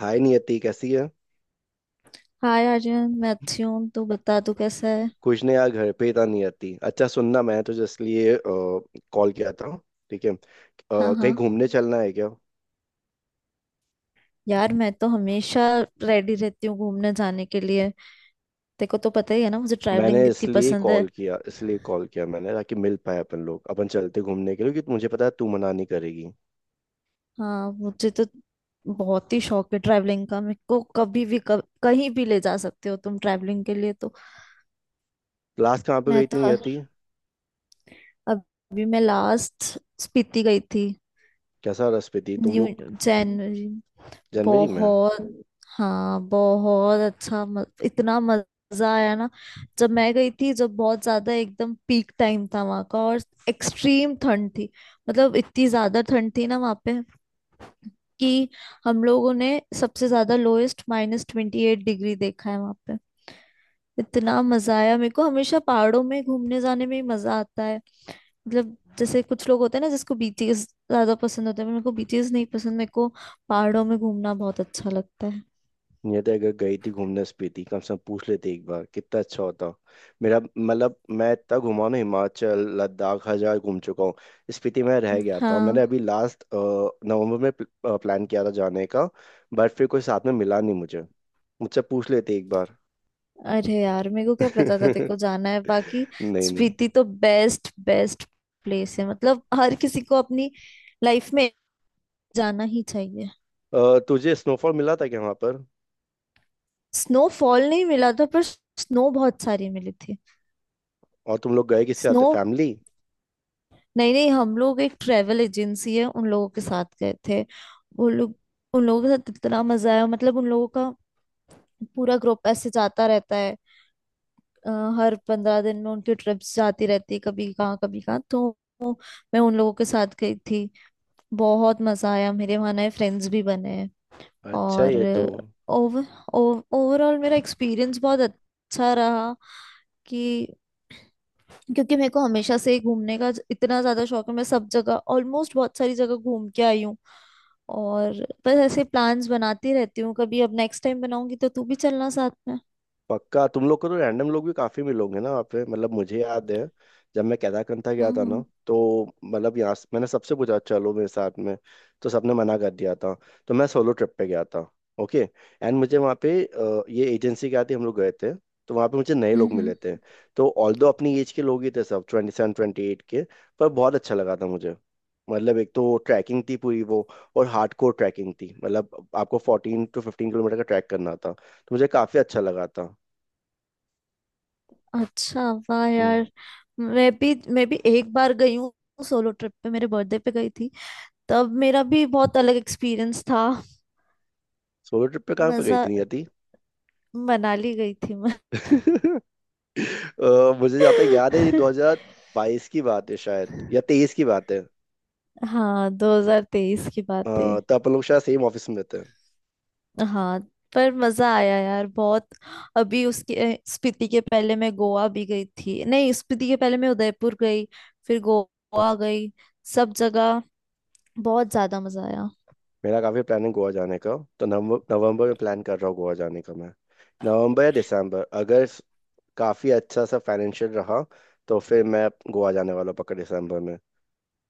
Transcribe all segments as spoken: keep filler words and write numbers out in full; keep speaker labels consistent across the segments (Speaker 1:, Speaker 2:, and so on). Speaker 1: हाय नियति कैसी है।
Speaker 2: हाय आर्यन, मैं अच्छी हूँ। तू बता, तू कैसा है?
Speaker 1: कुछ नहीं यार, घर पे ही था। नियति अच्छा सुनना, मैं तो इसलिए कॉल किया था। ठीक है। अ,
Speaker 2: हाँ,
Speaker 1: कहीं
Speaker 2: हाँ।
Speaker 1: घूमने चलना है क्या?
Speaker 2: यार मैं तो हमेशा रेडी रहती हूँ घूमने जाने के लिए। तेरे को तो पता ही है ना, मुझे
Speaker 1: मैंने
Speaker 2: ट्रैवलिंग कितनी
Speaker 1: इसलिए
Speaker 2: पसंद है।
Speaker 1: कॉल किया इसलिए कॉल किया मैंने ताकि मिल पाए अपन लोग, अपन चलते घूमने के लिए क्योंकि मुझे पता है तू मना नहीं करेगी।
Speaker 2: हाँ, मुझे तो बहुत ही शौक है ट्रैवलिंग का। मेरे को कभी भी कभ, कहीं भी ले जा सकते हो तुम ट्रैवलिंग के लिए तो।
Speaker 1: लास्ट कहाँ पे
Speaker 2: मैं
Speaker 1: गई थी
Speaker 2: तो
Speaker 1: नियति?
Speaker 2: अभी मैं लास्ट स्पीति गई थी।
Speaker 1: कैसा रस पे थी तुम
Speaker 2: न्यू
Speaker 1: लोग?
Speaker 2: जनवरी।
Speaker 1: जनवरी में?
Speaker 2: बहुत। हाँ, बहुत अच्छा, म, इतना मजा आया ना। जब मैं गई थी, जब बहुत ज्यादा एकदम पीक टाइम था वहां का, और एक्सट्रीम ठंड थी। मतलब इतनी ज्यादा ठंड थी ना वहां पे कि हम लोगों ने सबसे ज्यादा lowest minus twenty eight degree देखा है वहां पे। इतना मजा आया। मेरे को हमेशा पहाड़ों में घूमने जाने में ही मजा आता है। मतलब जैसे कुछ लोग होते हैं ना जिसको बीचेस ज्यादा पसंद होते हैं, मेरे को बीचेस नहीं पसंद। मेरे को पहाड़ों में घूमना बहुत अच्छा लगता।
Speaker 1: नहीं तो, अगर गई थी घूमने स्पीति, कम से कम पूछ लेते एक बार, कितना अच्छा होता। मेरा मतलब मैं इतना घुमा ना, हिमाचल लद्दाख हर जगह घूम चुका हूँ। स्पीति में रह गया था और मैंने
Speaker 2: हाँ।
Speaker 1: अभी लास्ट नवंबर में प्लान किया था जाने का, बट फिर कोई साथ में मिला नहीं मुझे। मुझसे पूछ लेते एक बार।
Speaker 2: अरे यार, मेरे को क्या पता था तेरे को जाना है बाकी।
Speaker 1: नहीं नहीं।
Speaker 2: स्पीति तो बेस्ट बेस्ट प्लेस है, मतलब हर किसी को अपनी लाइफ में जाना ही चाहिए।
Speaker 1: अ, तुझे स्नोफॉल मिला था क्या वहां पर?
Speaker 2: स्नोफॉल नहीं मिला था पर स्नो बहुत सारी मिली थी।
Speaker 1: और तुम लोग गए किसके साथ,
Speaker 2: स्नो
Speaker 1: फैमिली?
Speaker 2: नहीं, नहीं, हम लोग एक ट्रेवल एजेंसी है उन लोगों के साथ गए थे। वो लोग उन लोगों के साथ इतना मजा आया, मतलब उन लोगों का पूरा ग्रुप ऐसे जाता रहता है। अ, हर पंद्रह दिन में उनकी ट्रिप्स जाती रहती, कभी कहाँ कभी कहाँ तो मैं उन लोगों के साथ गई थी। बहुत मजा आया, मेरे वहाँ नए फ्रेंड्स भी बने हैं।
Speaker 1: अच्छा
Speaker 2: और
Speaker 1: ये तो
Speaker 2: ओवर ओवरऑल मेरा एक्सपीरियंस बहुत अच्छा रहा। कि क्योंकि मेरे को हमेशा से ही घूमने का ज- इतना ज्यादा शौक है, मैं सब जगह ऑलमोस्ट बहुत सारी जगह घूम के आई हूँ। और बस ऐसे प्लान्स बनाती रहती हूँ कभी। अब नेक्स्ट टाइम बनाऊंगी तो तू भी चलना साथ में।
Speaker 1: पक्का, तुम लोग को तो रैंडम लोग भी काफी मिलोगे ना वहाँ पे। मतलब मुझे याद है जब मैं केदारकंठा गया
Speaker 2: हम्म,
Speaker 1: था ना,
Speaker 2: हम्म।
Speaker 1: तो मतलब यहाँ से- मैंने सबसे पूछा चलो मेरे साथ में, तो सबने मना कर दिया था। तो मैं सोलो ट्रिप पे गया था। ओके। एंड मुझे वहाँ पे अ, ये एजेंसी क्या थी हम लोग गए थे, तो वहाँ पे मुझे नए
Speaker 2: हम्म,
Speaker 1: लोग
Speaker 2: हम्म।
Speaker 1: मिले थे। तो ऑल्दो अपनी एज के लोग ही थे सब, ट्वेंटी सेवन ट्वेंटी एट के। पर बहुत अच्छा लगा था मुझे। मतलब एक तो ट्रैकिंग थी पूरी वो, और हार्डकोर ट्रैकिंग थी। मतलब आपको फोर्टीन टू फिफ्टीन किलोमीटर का ट्रैक करना था, तो मुझे काफी अच्छा लगा था।
Speaker 2: अच्छा, वाह
Speaker 1: हम्म।
Speaker 2: यार। मैं भी मैं भी एक बार गई हूँ सोलो ट्रिप पे, मेरे बर्थडे पे गई थी। तब मेरा भी बहुत अलग एक्सपीरियंस था।
Speaker 1: सोलो ट्रिप पे कहाँ पे गई
Speaker 2: मजा
Speaker 1: थी? नहीं जाती।
Speaker 2: मनाली गई थी मैं।
Speaker 1: अ, मुझे जाता याद है, दो हजार बाईस की बात है शायद, या तेईस की बात है। अ,
Speaker 2: हाँ, दो हज़ार तेईस की बात है।
Speaker 1: तो अपन लोग शायद सेम ऑफिस में थे।
Speaker 2: हाँ, पर मजा आया यार बहुत। अभी उसके अ, स्पीति के पहले मैं गोवा भी गई थी, नहीं, स्पीति के पहले मैं उदयपुर गई, फिर गोवा गई। सब जगह बहुत ज्यादा मजा आया।
Speaker 1: मेरा काफी प्लान है गोवा जाने का, तो नवंबर नवंबर में प्लान कर रहा हूँ गोवा जाने का मैं। नवंबर या दिसंबर, अगर स- काफी अच्छा सा फाइनेंशियल रहा तो फिर मैं गोवा जाने वाला हूँ पक्का दिसंबर में।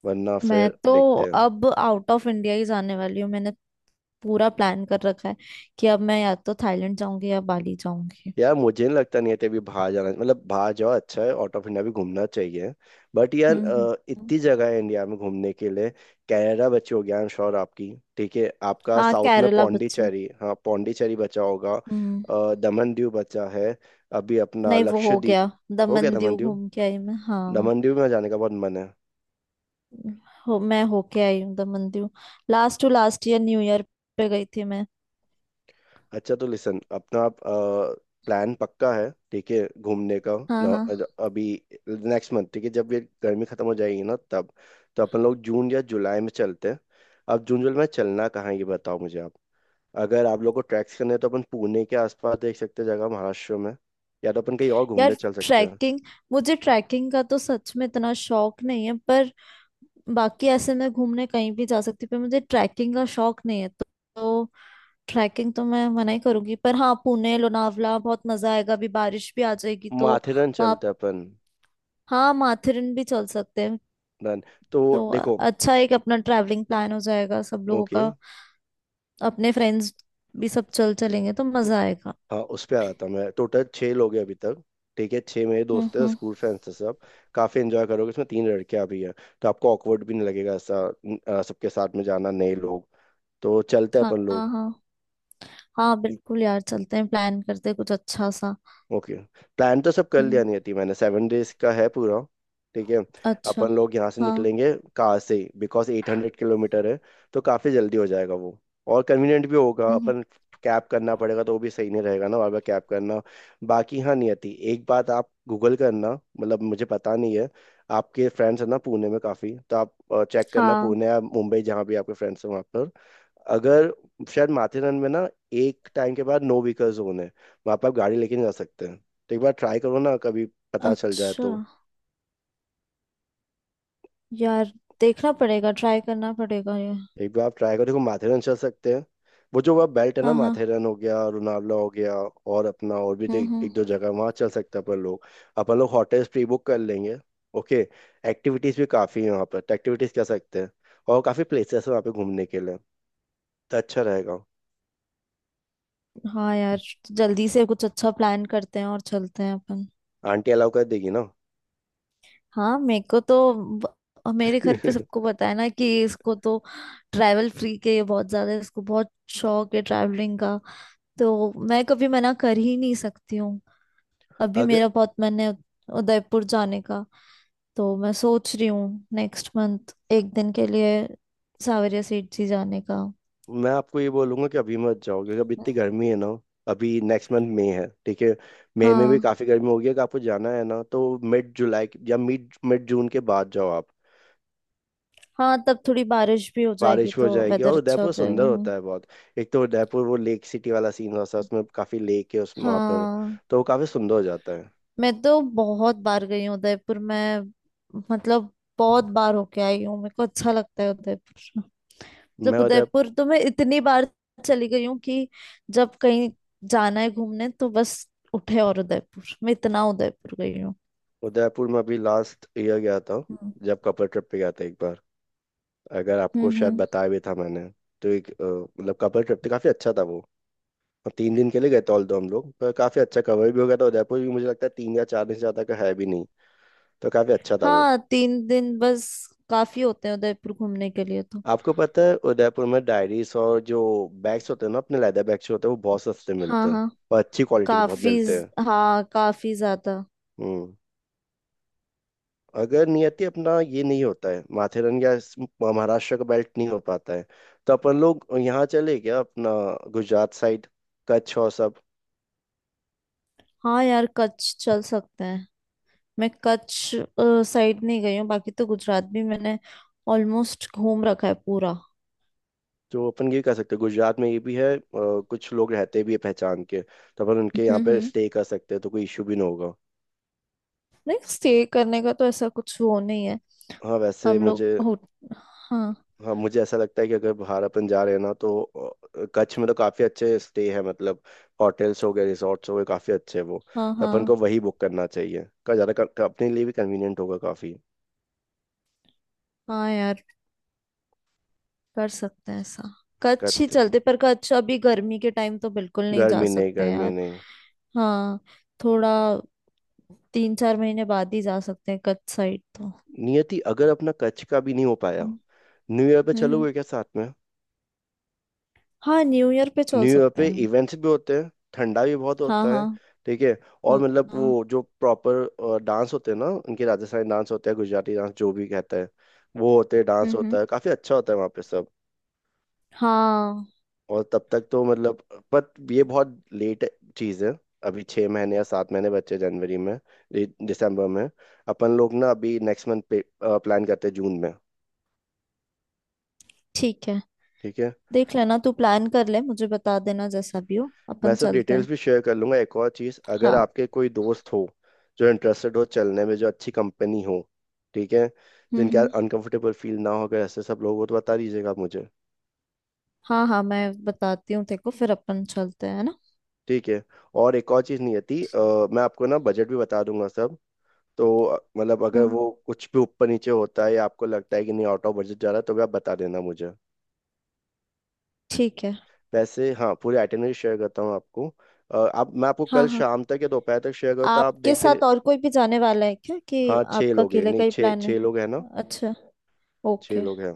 Speaker 1: वरना
Speaker 2: मैं
Speaker 1: फिर
Speaker 2: तो
Speaker 1: देखते हैं।
Speaker 2: अब आउट ऑफ इंडिया ही जाने वाली हूँ, मैंने पूरा प्लान कर रखा है कि अब मैं या तो थाईलैंड जाऊंगी या बाली जाऊंगी।
Speaker 1: यार मुझे नहीं लगता, नहीं अभी बाहर जाना। मतलब बाहर जाओ अच्छा है, आउट ऑफ इंडिया भी घूमना चाहिए, बट यार
Speaker 2: हम्म,
Speaker 1: अ,
Speaker 2: हम्म।
Speaker 1: इतनी जगह है इंडिया में घूमने के लिए। कनाडा बची होगी, आई एम श्योर, आपकी। ठीक है आपका
Speaker 2: हाँ,
Speaker 1: साउथ में,
Speaker 2: केरला बच्चे।
Speaker 1: पौंडीचेरी, हाँ पौंडीचेरी बचा होगा।
Speaker 2: हम्म।
Speaker 1: अ, दमन दीव बचा है। अभी अपना
Speaker 2: नहीं, वो हो गया,
Speaker 1: लक्षद्वीप हो गया,
Speaker 2: दमन
Speaker 1: दमन
Speaker 2: दीव
Speaker 1: दीव।
Speaker 2: घूम के आई मैं, हाँ।
Speaker 1: दमन दीव में जाने का बहुत मन है।
Speaker 2: हो मैं होके आई हूँ Daman Diu, last to last year new year पे गई थी मैं।
Speaker 1: अच्छा तो लिसन, अपना आप प्लान पक्का है, ठीक है, घूमने का
Speaker 2: हाँ,
Speaker 1: ना?
Speaker 2: हाँ।
Speaker 1: अभी नेक्स्ट मंथ, ठीक है जब ये गर्मी खत्म हो जाएगी ना, तब तो अपन लोग जून या जुलाई में चलते हैं। अब जून जुलाई में चलना कहाँ है ये बताओ मुझे आप। अगर आप लोग को ट्रैक्स करने हैं तो अपन पुणे के आसपास देख सकते हैं, जगह महाराष्ट्र में। या तो अपन कहीं और घूमने
Speaker 2: यार
Speaker 1: चल सकते हैं।
Speaker 2: ट्रैकिंग मुझे ट्रैकिंग का तो सच में इतना शौक नहीं है, पर बाकी ऐसे मैं घूमने कहीं भी जा सकती हूँ, पर मुझे ट्रैकिंग का शौक नहीं है, तो, तो ट्रैकिंग तो मैं मना ही करूंगी, पर हाँ पुणे लोनावला बहुत मजा आएगा, अभी बारिश भी आ जाएगी तो।
Speaker 1: माथेरन
Speaker 2: वहाँ,
Speaker 1: चलते हैं अपन।
Speaker 2: हाँ, माथेरन भी चल सकते हैं।
Speaker 1: डन। तो
Speaker 2: तो अ-
Speaker 1: देखो,
Speaker 2: अच्छा, एक अपना ट्रैवलिंग प्लान हो जाएगा सब लोगों
Speaker 1: ओके।
Speaker 2: का। अपने फ्रेंड्स भी सब चल चलेंगे तो मजा आएगा।
Speaker 1: हाँ उस पे आ रहा था मैं, टोटल छः लोग हैं अभी तक। ठीक है, छः मेरे
Speaker 2: हम्म,
Speaker 1: दोस्त हैं,
Speaker 2: हम्म।
Speaker 1: स्कूल फ्रेंड्स हैं सब। काफ़ी एंजॉय करोगे, इसमें तीन लड़कियां भी हैं, तो आपको ऑकवर्ड भी नहीं लगेगा ऐसा। न- आ, सबके साथ में जाना, नए लोग, तो चलते हैं
Speaker 2: हाँ,
Speaker 1: अपन
Speaker 2: हाँ,
Speaker 1: लोग।
Speaker 2: हाँ। हाँ बिल्कुल यार, चलते हैं प्लान करते हैं कुछ अच्छा सा।
Speaker 1: ओके। प्लान तो सब कर लिया,
Speaker 2: हम्म।
Speaker 1: नहीं थी मैंने सेवन डेज का है पूरा। ठीक है।
Speaker 2: अच्छा।
Speaker 1: अपन लोग यहाँ से
Speaker 2: हाँ।
Speaker 1: निकलेंगे कार से, बिकॉज एट हंड्रेड किलोमीटर है, तो काफ़ी जल्दी हो जाएगा वो, और कन्वीनियंट भी होगा
Speaker 2: हम्म, हम्म।
Speaker 1: अपन। कैब करना पड़ेगा तो वो भी सही नहीं रहेगा ना, बार बार कैब करना। बाकी हाँ नियति, एक बात आप गूगल करना, मतलब मुझे पता नहीं है। आपके फ्रेंड्स हैं ना पुणे में काफ़ी, तो आप चेक करना
Speaker 2: हाँ।
Speaker 1: पुणे या मुंबई जहाँ भी आपके फ्रेंड्स हैं वहाँ पर। अगर, शायद माथेरन में ना एक टाइम के बाद नो व्हीकल जोन है, वहाँ पर आप गाड़ी लेके नहीं जा सकते हैं, तो एक बार ट्राई करो ना कभी, पता चल जाए
Speaker 2: अच्छा
Speaker 1: तो।
Speaker 2: यार, देखना पड़ेगा, ट्राई करना पड़ेगा ये।
Speaker 1: एक बार आप ट्राई करो, देखो माथेरन चल सकते हैं। वो जो वह बेल्ट है ना,
Speaker 2: हाँ, हाँ।
Speaker 1: माथेरन हो गया, लोनावला हो गया, और अपना और भी
Speaker 2: हम्म,
Speaker 1: एक, एक
Speaker 2: हम्म।
Speaker 1: दो जगह वहाँ चल सकते हैं अपन लोग। अपन लोग होटल्स प्री बुक कर लेंगे। ओके। एक्टिविटीज़ भी काफ़ी है वहाँ पर, तो एक्टिविटीज़ कर सकते हैं। और काफ़ी प्लेसेस है वहाँ पे घूमने के लिए, तो अच्छा रहेगा।
Speaker 2: हाँ यार, जल्दी से कुछ अच्छा प्लान करते हैं और चलते हैं अपन।
Speaker 1: आंटी अलाउ कर देगी ना?
Speaker 2: हाँ, मेरे को तो ब- मेरे घर पे सबको पता है ना कि इसको तो ट्रैवल फ्री के ये बहुत ज्यादा, इसको बहुत शौक है ट्रैवलिंग का, तो मैं कभी मना कर ही नहीं सकती हूँ। अभी
Speaker 1: अगर
Speaker 2: मेरा बहुत मन है उदयपुर जाने का, तो मैं सोच रही हूँ नेक्स्ट मंथ एक दिन के लिए सावरिया सीट जी जाने का।
Speaker 1: मैं आपको ये बोलूंगा कि अभी मत जाओ, क्योंकि अभी इतनी गर्मी है ना। अभी नेक्स्ट मंथ मई है, ठीक है, मई में भी
Speaker 2: हाँ,
Speaker 1: काफी गर्मी होगी। अगर आपको जाना है ना, तो मिड जुलाई के- या मिड मिड जून के बाद जाओ आप।
Speaker 2: हाँ, तब थोड़ी बारिश भी हो जाएगी
Speaker 1: बारिश हो
Speaker 2: तो
Speaker 1: जाएगी और
Speaker 2: वेदर अच्छा हो
Speaker 1: उदयपुर
Speaker 2: जाएगा।
Speaker 1: सुंदर
Speaker 2: हाँ।
Speaker 1: होता है बहुत। एक तो उदयपुर वो लेक सिटी वाला सीन होता है, उसमें काफी लेक है उस वहाँ पर,
Speaker 2: हाँ,
Speaker 1: तो वो काफी सुंदर हो जाता है।
Speaker 2: मैं तो बहुत बार गई हूँ उदयपुर मैं, मतलब बहुत बार होके आई हूँ, मेरे को अच्छा लगता है उदयपुर।
Speaker 1: मैं
Speaker 2: मतलब
Speaker 1: उदय
Speaker 2: उदयपुर तो मैं इतनी बार चली गई हूँ कि जब कहीं जाना है घूमने तो बस उठे और उदयपुर। मैं इतना उदयपुर गई हूँ।
Speaker 1: उदयपुर में अभी लास्ट ईयर गया था,
Speaker 2: हम्म,
Speaker 1: जब कपल ट्रिप पे गया था एक बार। अगर आपको
Speaker 2: हम्म,
Speaker 1: शायद
Speaker 2: हम्म।
Speaker 1: बताया भी था मैंने, तो एक अ, मतलब कपल ट्रिप था, काफी अच्छा था वो। और तीन दिन के लिए गए थे ऑल दो हम लोग, पर काफी अच्छा कवर भी हो गया था। उदयपुर भी मुझे लगता है तीन या चार दिन से ज्यादा का है भी नहीं, तो काफी अच्छा था वो।
Speaker 2: हाँ, तीन दिन बस काफी होते हैं उदयपुर घूमने के लिए तो।
Speaker 1: आपको पता है उदयपुर में डायरीज और जो बैग्स होते हैं ना, अपने लेदर बैग्स होते हैं, वो बहुत सस्ते
Speaker 2: हाँ,
Speaker 1: मिलते हैं,
Speaker 2: हाँ
Speaker 1: और अच्छी क्वालिटी के बहुत
Speaker 2: काफी
Speaker 1: मिलते
Speaker 2: ज-
Speaker 1: हैं।
Speaker 2: हाँ, काफी ज्यादा।
Speaker 1: हम्म। अगर नियति अपना ये नहीं होता है माथेरन या इस- महाराष्ट्र का बेल्ट नहीं हो पाता है, तो अपन लोग यहाँ चले क्या, अपना गुजरात साइड, कच्छ और सब।
Speaker 2: हाँ यार, कच्छ चल सकते हैं, मैं कच्छ साइड नहीं गई हूँ, बाकी तो गुजरात भी मैंने ऑलमोस्ट घूम रखा है पूरा।
Speaker 1: तो अपन ये कह सकते हैं, गुजरात में ये भी है अ, कुछ लोग रहते भी है पहचान के, तो अपन उनके
Speaker 2: हम्म,
Speaker 1: यहाँ पे
Speaker 2: हम्म।
Speaker 1: स्टे कर सकते हैं, तो कोई इशू भी ना होगा।
Speaker 2: नहीं, स्टे करने का तो ऐसा कुछ वो नहीं है।
Speaker 1: हाँ वैसे
Speaker 2: हम लोग
Speaker 1: मुझे,
Speaker 2: हो हाँ।
Speaker 1: हाँ मुझे ऐसा लगता है कि अगर बाहर अपन जा रहे हैं ना, तो अ, कच्छ में तो काफ़ी अच्छे स्टे है, मतलब होटल्स हो गए, रिसोर्ट्स हो गए, काफ़ी अच्छे हैं वो।
Speaker 2: हाँ,
Speaker 1: तो अपन
Speaker 2: हाँ।
Speaker 1: को वही बुक करना चाहिए का ज़्यादा क- अपने लिए भी कन्वीनियंट होगा काफ़ी।
Speaker 2: हाँ यार, कर सकते हैं ऐसा, कच्छ ही
Speaker 1: कत
Speaker 2: चलते, पर कच्छ अभी गर्मी के टाइम तो बिल्कुल नहीं जा
Speaker 1: गर्मी नहीं,
Speaker 2: सकते
Speaker 1: गर्मी
Speaker 2: यार।
Speaker 1: नहीं।
Speaker 2: हाँ, थोड़ा तीन चार महीने बाद ही जा सकते हैं कच्छ साइड तो।
Speaker 1: नियति अगर अपना कच्छ का भी नहीं हो पाया,
Speaker 2: हम्म।
Speaker 1: न्यू ईयर पे
Speaker 2: हम्म।
Speaker 1: चलोगे क्या साथ में?
Speaker 2: हाँ, न्यू ईयर पे चल
Speaker 1: न्यू ईयर
Speaker 2: सकते
Speaker 1: पे
Speaker 2: हैं हम।
Speaker 1: इवेंट्स भी होते हैं, ठंडा भी बहुत
Speaker 2: हाँ,
Speaker 1: होता है,
Speaker 2: हाँ,
Speaker 1: ठीक है। और
Speaker 2: हाँ।
Speaker 1: मतलब
Speaker 2: हाँ।
Speaker 1: वो जो प्रॉपर डांस होते हैं ना, उनके राजस्थानी डांस होते हैं, गुजराती डांस, जो भी कहते हैं, वो होते हैं, डांस
Speaker 2: हम्म, हम्म।
Speaker 1: होता है, काफी अच्छा होता है वहाँ पे सब।
Speaker 2: हाँ।
Speaker 1: और तब तक तो मतलब, पर ये बहुत लेट चीज है, अभी छः महीने या सात महीने बच्चे जनवरी में, दि- दिसंबर में। अपन लोग ना अभी नेक्स्ट मंथ प्लान करते हैं जून में।
Speaker 2: ठीक है,
Speaker 1: ठीक है।
Speaker 2: देख लेना, तू प्लान कर ले, मुझे बता देना, जैसा भी हो
Speaker 1: मैं
Speaker 2: अपन
Speaker 1: सर
Speaker 2: चलते
Speaker 1: डिटेल्स
Speaker 2: हैं।
Speaker 1: भी शेयर कर लूंगा, एक और चीज़, अगर
Speaker 2: हाँ।
Speaker 1: आपके कोई दोस्त हो जो इंटरेस्टेड हो चलने में, जो अच्छी कंपनी हो, ठीक है,
Speaker 2: हम्म,
Speaker 1: जिनके यार
Speaker 2: हम्म।
Speaker 1: अनकंफर्टेबल फील ना हो, अगर ऐसे सब लोग हो तो बता दीजिएगा आप मुझे।
Speaker 2: हाँ, हाँ, मैं बताती हूँ तेरे को फिर, अपन चलते हैं है ना।
Speaker 1: ठीक है। और एक और चीज़ नहीं आती, अ, मैं आपको ना बजट भी बता दूंगा सब, तो अ, मतलब अगर
Speaker 2: हाँ,
Speaker 1: वो कुछ भी ऊपर नीचे होता है या आपको लगता है कि नहीं आउट ऑफ बजट जा रहा है, तो भी आप बता देना मुझे।
Speaker 2: ठीक है।
Speaker 1: वैसे हाँ, पूरी आइटनरी शेयर करता हूँ आपको। अ, आप, मैं आपको
Speaker 2: हाँ,
Speaker 1: कल
Speaker 2: हाँ,
Speaker 1: शाम तक या दोपहर तक शेयर करूँ तो आप
Speaker 2: आपके
Speaker 1: देख के।
Speaker 2: साथ और कोई भी जाने वाला है क्या, कि
Speaker 1: हाँ छः
Speaker 2: आपका
Speaker 1: लोग हैं,
Speaker 2: अकेले
Speaker 1: नहीं
Speaker 2: का ही
Speaker 1: छः
Speaker 2: प्लान है?
Speaker 1: छः लोग हैं ना।
Speaker 2: अच्छा,
Speaker 1: छह
Speaker 2: ओके।
Speaker 1: लोग हैं।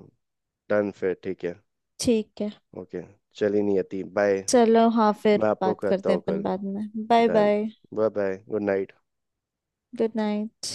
Speaker 1: डन फिर, ठीक है।
Speaker 2: ठीक है।
Speaker 1: ओके, चलिए, नहीं आती, बाय।
Speaker 2: चलो, हाँ, फिर
Speaker 1: मैं आपको
Speaker 2: बात
Speaker 1: करता
Speaker 2: करते हैं
Speaker 1: हूँ
Speaker 2: अपन
Speaker 1: कल।
Speaker 2: बाद में। Bye
Speaker 1: done.
Speaker 2: Bye.
Speaker 1: Bye bye, good night.
Speaker 2: Good night.